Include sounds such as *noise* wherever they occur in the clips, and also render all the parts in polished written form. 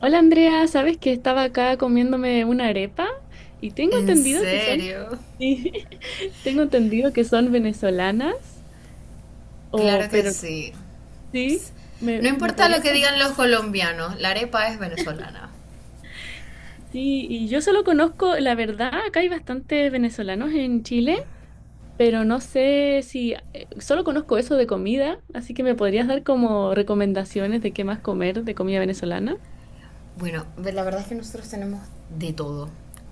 Hola Andrea, ¿sabes que estaba acá comiéndome una arepa? Y tengo ¿En entendido que son, serio? sí, *laughs* tengo entendido que son venezolanas, o, Claro que pero sí. sí, No me importa lo podría que digan contar. los colombianos, la arepa es venezolana. Sí, y yo solo conozco, la verdad, acá hay bastantes venezolanos en Chile, pero no sé si, solo conozco eso de comida, así que me podrías dar como recomendaciones de qué más comer de comida venezolana. Bueno, la verdad es que nosotros tenemos de todo,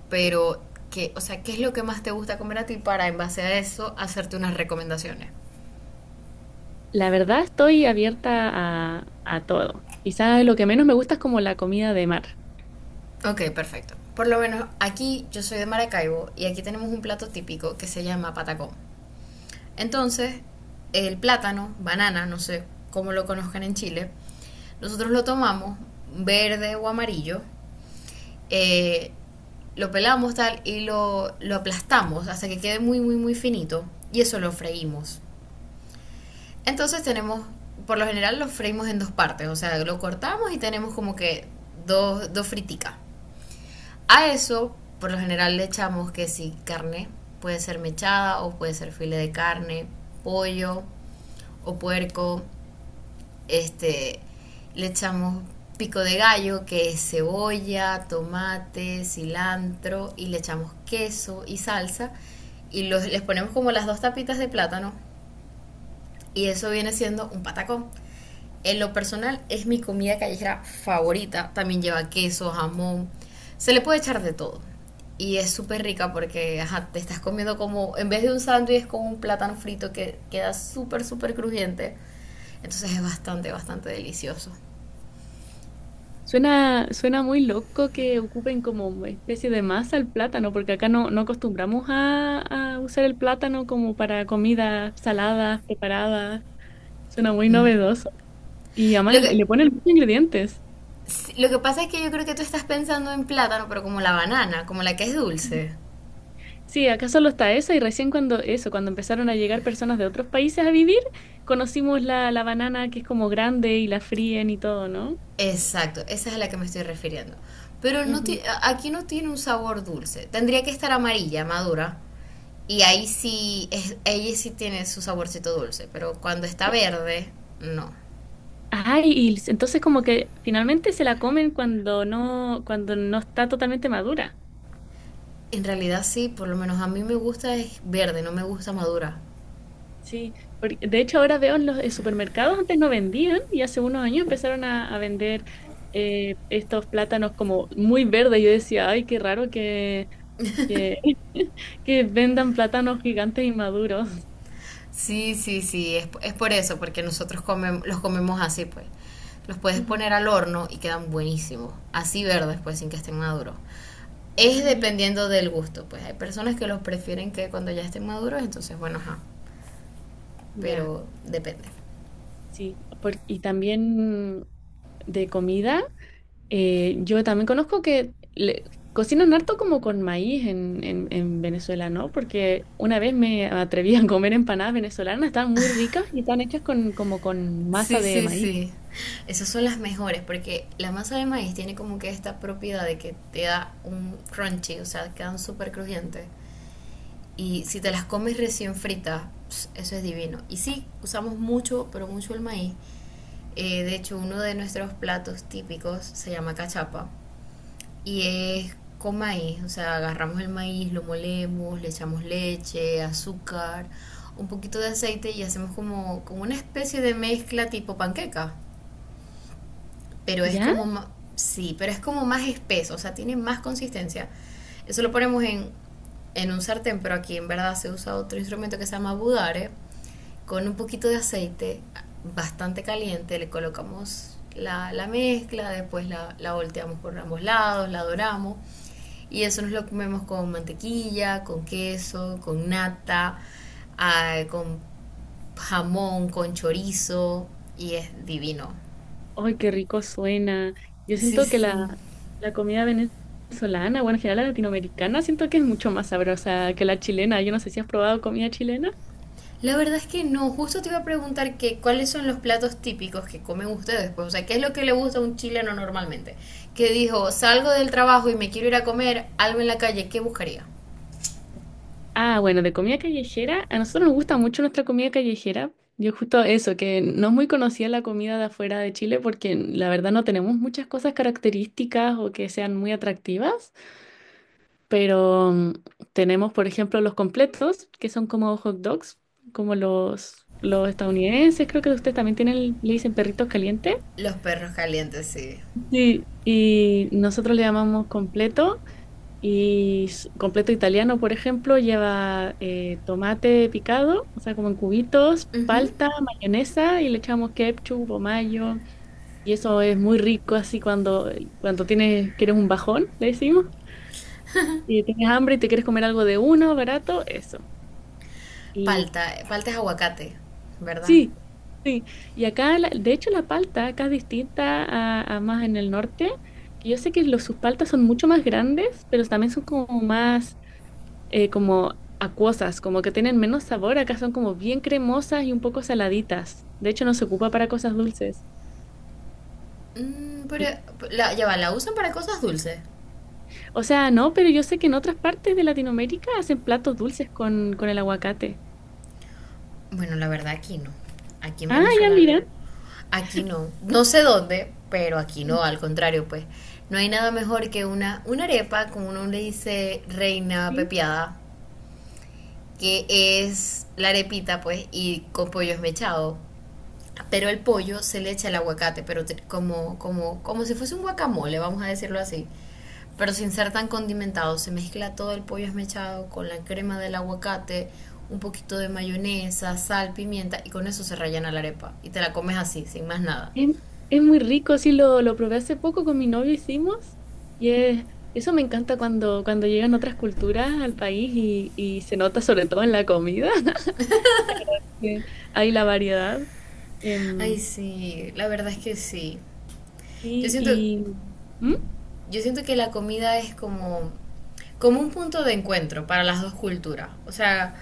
pero que, o sea, ¿qué es lo que más te gusta comer a ti para en base a eso hacerte unas recomendaciones? La verdad estoy abierta a todo. Quizás lo que menos me gusta es como la comida de mar. Ok, perfecto. Por lo menos aquí yo soy de Maracaibo y aquí tenemos un plato típico que se llama patacón. Entonces, el plátano, banana, no sé cómo lo conozcan en Chile, nosotros lo tomamos verde o amarillo, eh, lo pelamos tal y lo aplastamos hasta que quede muy, muy, muy finito. Y eso lo freímos. Entonces tenemos, por lo general lo freímos en dos partes, o sea, lo cortamos y tenemos como que dos friticas. A eso, por lo general le echamos que si carne, puede ser mechada o puede ser filete de carne, pollo o puerco, este, le echamos pico de gallo, que es cebolla, tomate, cilantro, y le echamos queso y salsa, y les ponemos como las dos tapitas de plátano, y eso viene siendo un patacón. En lo personal es mi comida callejera favorita, también lleva queso, jamón, se le puede echar de todo, y es súper rica porque ajá, te estás comiendo como, en vez de un sándwich, es como un plátano frito que queda súper, súper crujiente, entonces es bastante, bastante delicioso. Suena muy loco que ocupen como especie de masa el plátano, porque acá no, no acostumbramos a usar el plátano como para comidas saladas, preparadas. Suena muy novedoso. Y Lo además que, le ponen muchos ingredientes. sí, lo que pasa es que yo creo que tú estás pensando en plátano, pero como la banana, como la que es dulce. Sí, acá solo está eso y recién cuando eso, cuando empezaron a llegar personas de otros países a vivir, conocimos la banana que es como grande y la fríen y todo, ¿no? Exacto, esa es a la que me estoy refiriendo. Pero Ujú. Aquí no tiene un sabor dulce. Tendría que estar amarilla, madura. Y ahí sí, ella sí tiene su saborcito dulce. Pero cuando está Eh, verde, no. Ay, y s- entonces como que finalmente se la comen cuando no está totalmente madura. En realidad sí, por lo menos a mí me gusta es verde, no me gusta madura. Sí, porque de hecho ahora veo en los en supermercados, antes no vendían y hace unos años empezaron a vender estos plátanos como muy verdes. Yo decía, ay, qué raro que, *laughs* que vendan plátanos gigantes y maduros. Sí, sí, sí, es por eso, porque los comemos así, pues. Los puedes Ujú. poner al horno y quedan buenísimos, así verdes, pues, sin que estén maduros. Ah, Es mira, dependiendo del gusto, pues. Hay personas que los prefieren que cuando ya estén maduros, entonces, bueno, ajá, ya, pero depende. sí. Por y también de comida. Yo también conozco que le cocinan harto como con maíz en Venezuela, ¿no? Porque una vez me atreví a comer empanadas venezolanas, están muy ricas y están hechas con, como con masa Sí, de sí, maíz. sí. Esas son las mejores, porque la masa de maíz tiene como que esta propiedad de que te da un crunchy, o sea, quedan súper crujientes. Y si te las comes recién fritas, pss, eso es divino. Y sí, usamos mucho, pero mucho el maíz. De hecho, uno de nuestros platos típicos se llama cachapa y es con maíz. O sea, agarramos el maíz, lo molemos, le echamos leche, azúcar, un poquito de aceite y hacemos como, como una especie de mezcla tipo panqueca, pero es ¿Ya? como, sí, pero es como más espeso, o sea, tiene más consistencia. Eso lo ponemos en un sartén, pero aquí en verdad se usa otro instrumento que se llama budare, con un poquito de aceite bastante caliente, le colocamos la mezcla, después la volteamos por ambos lados, la doramos, y eso nos lo comemos con mantequilla, con queso, con nata, ah, con jamón, con chorizo, y es divino. ¡Ay, qué rico suena! Yo Sí, siento que sí. la comida venezolana, bueno, en general la latinoamericana, siento que es mucho más sabrosa que la chilena. Yo no sé si has probado comida chilena. La verdad es que no, justo te iba a preguntar que cuáles son los platos típicos que comen ustedes, pues, o sea, qué es lo que le gusta a un chileno normalmente. Que dijo, salgo del trabajo y me quiero ir a comer algo en la calle, ¿qué buscaría? Ah, bueno, de comida callejera, a nosotros nos gusta mucho nuestra comida callejera. Yo justo eso, que no es muy conocida la comida de afuera de Chile porque la verdad no tenemos muchas cosas características o que sean muy atractivas, pero tenemos, por ejemplo, los completos, que son como hot dogs, como los estadounidenses, creo que ustedes también tienen, le dicen perritos calientes. Los perros calientes, sí. Sí, y nosotros le llamamos completo. Y s- completo italiano, por ejemplo, lleva tomate picado, o sea, como en cubitos, Ujú. palta, mayonesa y le echamos ketchup o mayo. Y eso es muy rico así cuando, cuando tienes, quieres un bajón, le decimos, y tienes hambre y te quieres comer algo de uno, barato, eso. Y Palta, palta es aguacate, ¿verdad? sí, sí. Y acá, la de hecho, la palta acá es distinta a más en el norte, que yo sé que los, sus paltas son mucho más grandes, pero también son como más como acuosas, como que tienen menos sabor. Acá son como bien cremosas y un poco saladitas. De hecho, no se ocupa para cosas dulces. Mm, pero Y ya va, ¿la usan para cosas dulces? o sea, no, pero yo sé que en otras partes de Latinoamérica hacen platos dulces con el aguacate. Bueno, la verdad aquí no. Aquí en Ah, ya Venezuela no. mira. Aquí no. No sé dónde, pero aquí no, Sí, al contrario, pues. No hay nada mejor que una arepa, como uno le dice reina sí. pepiada, que es la arepita, pues, y con pollo esmechado. Pero el pollo se le echa el aguacate, pero como, como si fuese un guacamole, vamos a decirlo así. Pero sin ser tan condimentado, se mezcla todo el pollo esmechado con la crema del aguacate, un poquito de mayonesa, sal, pimienta, y con eso se rellena la arepa. Y te la comes así, sin más nada. Es, es muy rico, sí, lo probé hace poco con mi novio, hicimos. Y es eso me encanta cuando, cuando llegan otras culturas al país y se nota sobre todo en la comida. *laughs* Sí, hay la variedad. Ay, Em, sí, la verdad es que sí. Yo Sí, siento, y... ¿Mm? yo siento que la comida es como, como un punto de encuentro para las dos culturas. O sea,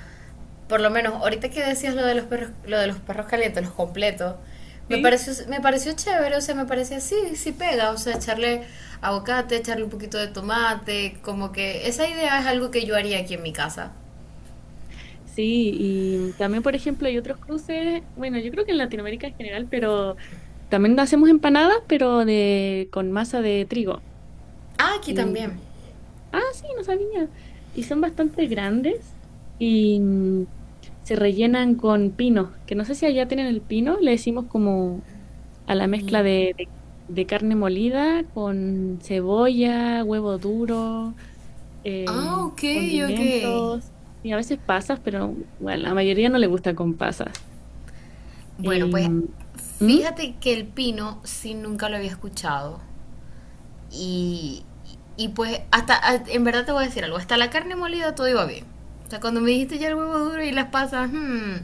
por lo menos ahorita que decías lo de los perros, lo de los perros calientes, los completos, Sí. Me pareció chévere, o sea, me parecía sí, sí pega, o sea, echarle aguacate, echarle un poquito de tomate, como que esa idea es algo que yo haría aquí en mi casa. Sí, y también, por ejemplo, hay otros cruces, bueno, yo creo que en Latinoamérica en general, pero también hacemos empanadas, pero de con masa de trigo. Ah, aquí Y, también. ah, sí, no sabía. Y son bastante grandes y se rellenan con pinos, que no sé si allá tienen el pino, le decimos como a la mezcla Ni. De carne molida con cebolla, huevo duro, Ah, ok, ok. condimentos y a veces pasas, pero bueno, la mayoría no le gusta con pasas. Bueno, Y, pues ¿mm? fíjate que el pino sí nunca lo había escuchado. Y, y pues hasta, en verdad te voy a decir algo, hasta la carne molida todo iba bien. O sea, cuando me dijiste ya el huevo duro y las pasas,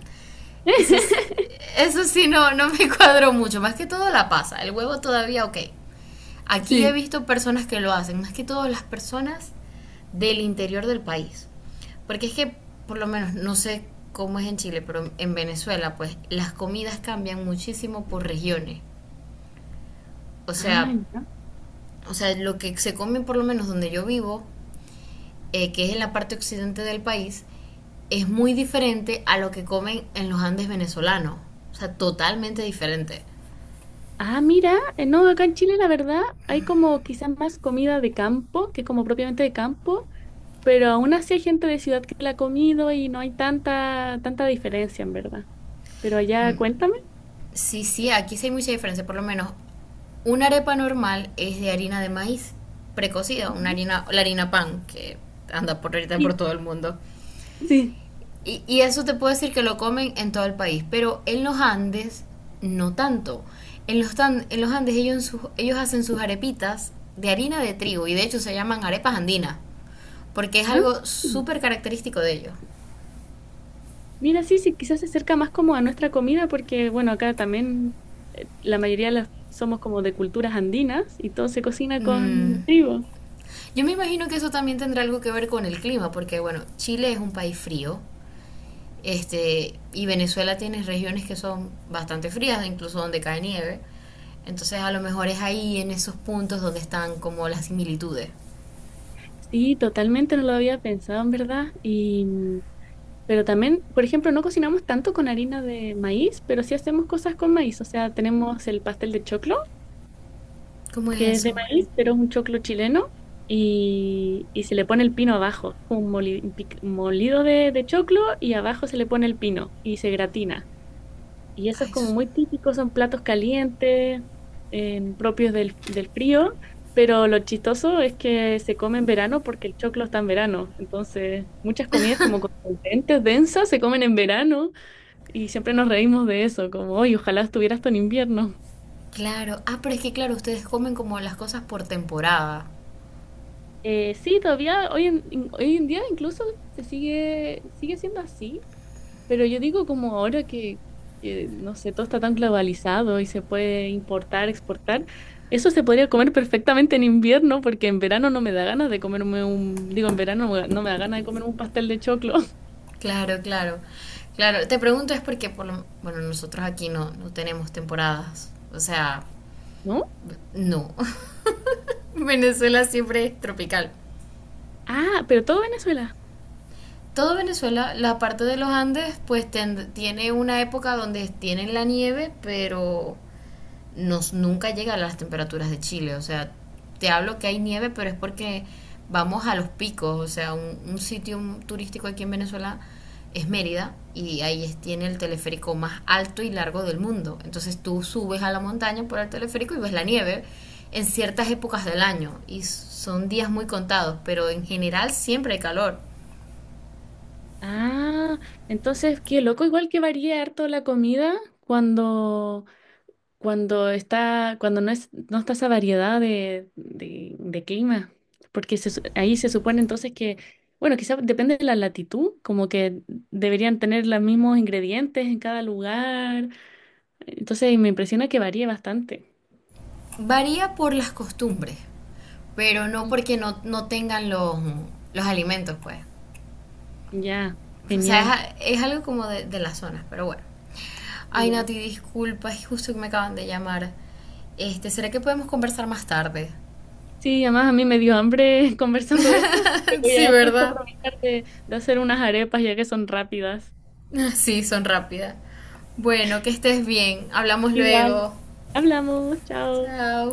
eso, eso sí no, no me *laughs* cuadró mucho. Más que todo la pasa, el huevo todavía ok. Aquí he Sí. visto personas que lo hacen, más que todo las personas del interior del país. Porque es que, por lo menos, no sé cómo es en Chile, pero en Venezuela, pues las comidas cambian muchísimo por regiones. O Ah, sea, ya. o sea, lo que se come, por lo menos donde yo vivo, que es en la parte occidente del país, es muy diferente a lo que comen en los Andes venezolanos. O sea, totalmente diferente. Ah, mira, no, acá en Chile la verdad hay como quizás más comida de campo, que es como propiamente de campo, pero aún así hay gente de ciudad que la ha comido y no hay tanta, tanta diferencia en verdad. Pero allá, cuéntame. Sí, sí, aquí sí hay mucha diferencia. Por lo menos, una arepa normal es de harina de maíz precocida, una Ujú. harina, la harina pan, que anda por ahorita por Sí, todo el mundo. sí. Y eso te puedo decir que lo comen en todo el país, pero en los Andes no tanto. En los Andes ellos, ellos hacen sus arepitas de harina de trigo y de hecho se llaman arepas andinas, porque es Ah. algo súper característico de ellos. Mira, sí, sí, quizás se acerca más como a nuestra comida porque, bueno, acá también la mayoría de las somos como de culturas andinas y todo se cocina con Mm, trigo. yo me imagino que eso también tendrá algo que ver con el clima, porque bueno, Chile es un país frío. Este, y Venezuela tiene regiones que son bastante frías, incluso donde cae nieve. Entonces a lo mejor es ahí en esos puntos donde están como las similitudes. Sí, totalmente no lo había pensado, en verdad. Y, pero también, por ejemplo, no cocinamos tanto con harina de maíz, pero sí hacemos cosas con maíz. O sea, tenemos el pastel de choclo, ¿Cómo es que es de eso? maíz, pero es un choclo chileno. Y se le pone el pino abajo, como un moli- un pic- molido de choclo y abajo se le pone el pino y se gratina. Y eso es Ay, como muy típico, son platos calientes, propios del, del frío, pero lo chistoso es que se come en verano porque el choclo está en verano. Entonces, muchas comidas como contundentes, densas, se comen en verano y siempre nos reímos de eso, como, hoy ojalá estuviera esto en invierno. claro. Ah, pero es que claro, ustedes comen como las cosas por temporada. Sí, todavía hoy en, in- hoy en día incluso sigue siendo así. Pero yo digo como ahora que, no sé, todo está tan globalizado y se puede importar, exportar, eso se podría comer perfectamente en invierno porque en verano no me da ganas de comerme un, digo, en verano no me da ganas de comerme un pastel de choclo, *laughs* Claro, claro. Claro, te pregunto es porque bueno, nosotros aquí no tenemos temporadas. O sea, ¿no? no. *laughs* Venezuela siempre es tropical. Ah, pero todo Venezuela. Todo Venezuela, la parte de los Andes, pues tiene una época donde tienen la nieve, pero nunca llega a las temperaturas de Chile. O sea, te hablo que hay nieve, pero es porque vamos a los picos. O sea, un sitio turístico aquí en Venezuela es Mérida y tiene el teleférico más alto y largo del mundo. Entonces tú subes a la montaña por el teleférico y ves la nieve en ciertas épocas del año y son días muy contados, pero en general siempre hay calor. Ah, entonces, qué loco, igual que varía harto la comida cuando cuando está, cuando no es, no está esa variedad de clima, porque se su- ahí se supone entonces que, bueno, quizás depende de la latitud, como que deberían tener los mismos ingredientes en cada lugar, entonces me impresiona que varíe bastante. Varía por las costumbres, pero no Mm. porque no tengan los alimentos, pues. Ya, O genial. sea, es algo como de las zonas, pero bueno. Ay, Ya. Nati, disculpa, es justo que me acaban de llamar. Este, ¿será que podemos conversar más tarde? Sí, además a mí me dio hambre *laughs* conversando de esto, *laughs* así que voy *laughs* Sí, a justo ¿verdad? aprovechar de hacer unas arepas ya que son rápidas. *laughs* Sí, son rápidas. Bueno, que estés bien. Hablamos Igual, luego. hablamos, chao. Chao.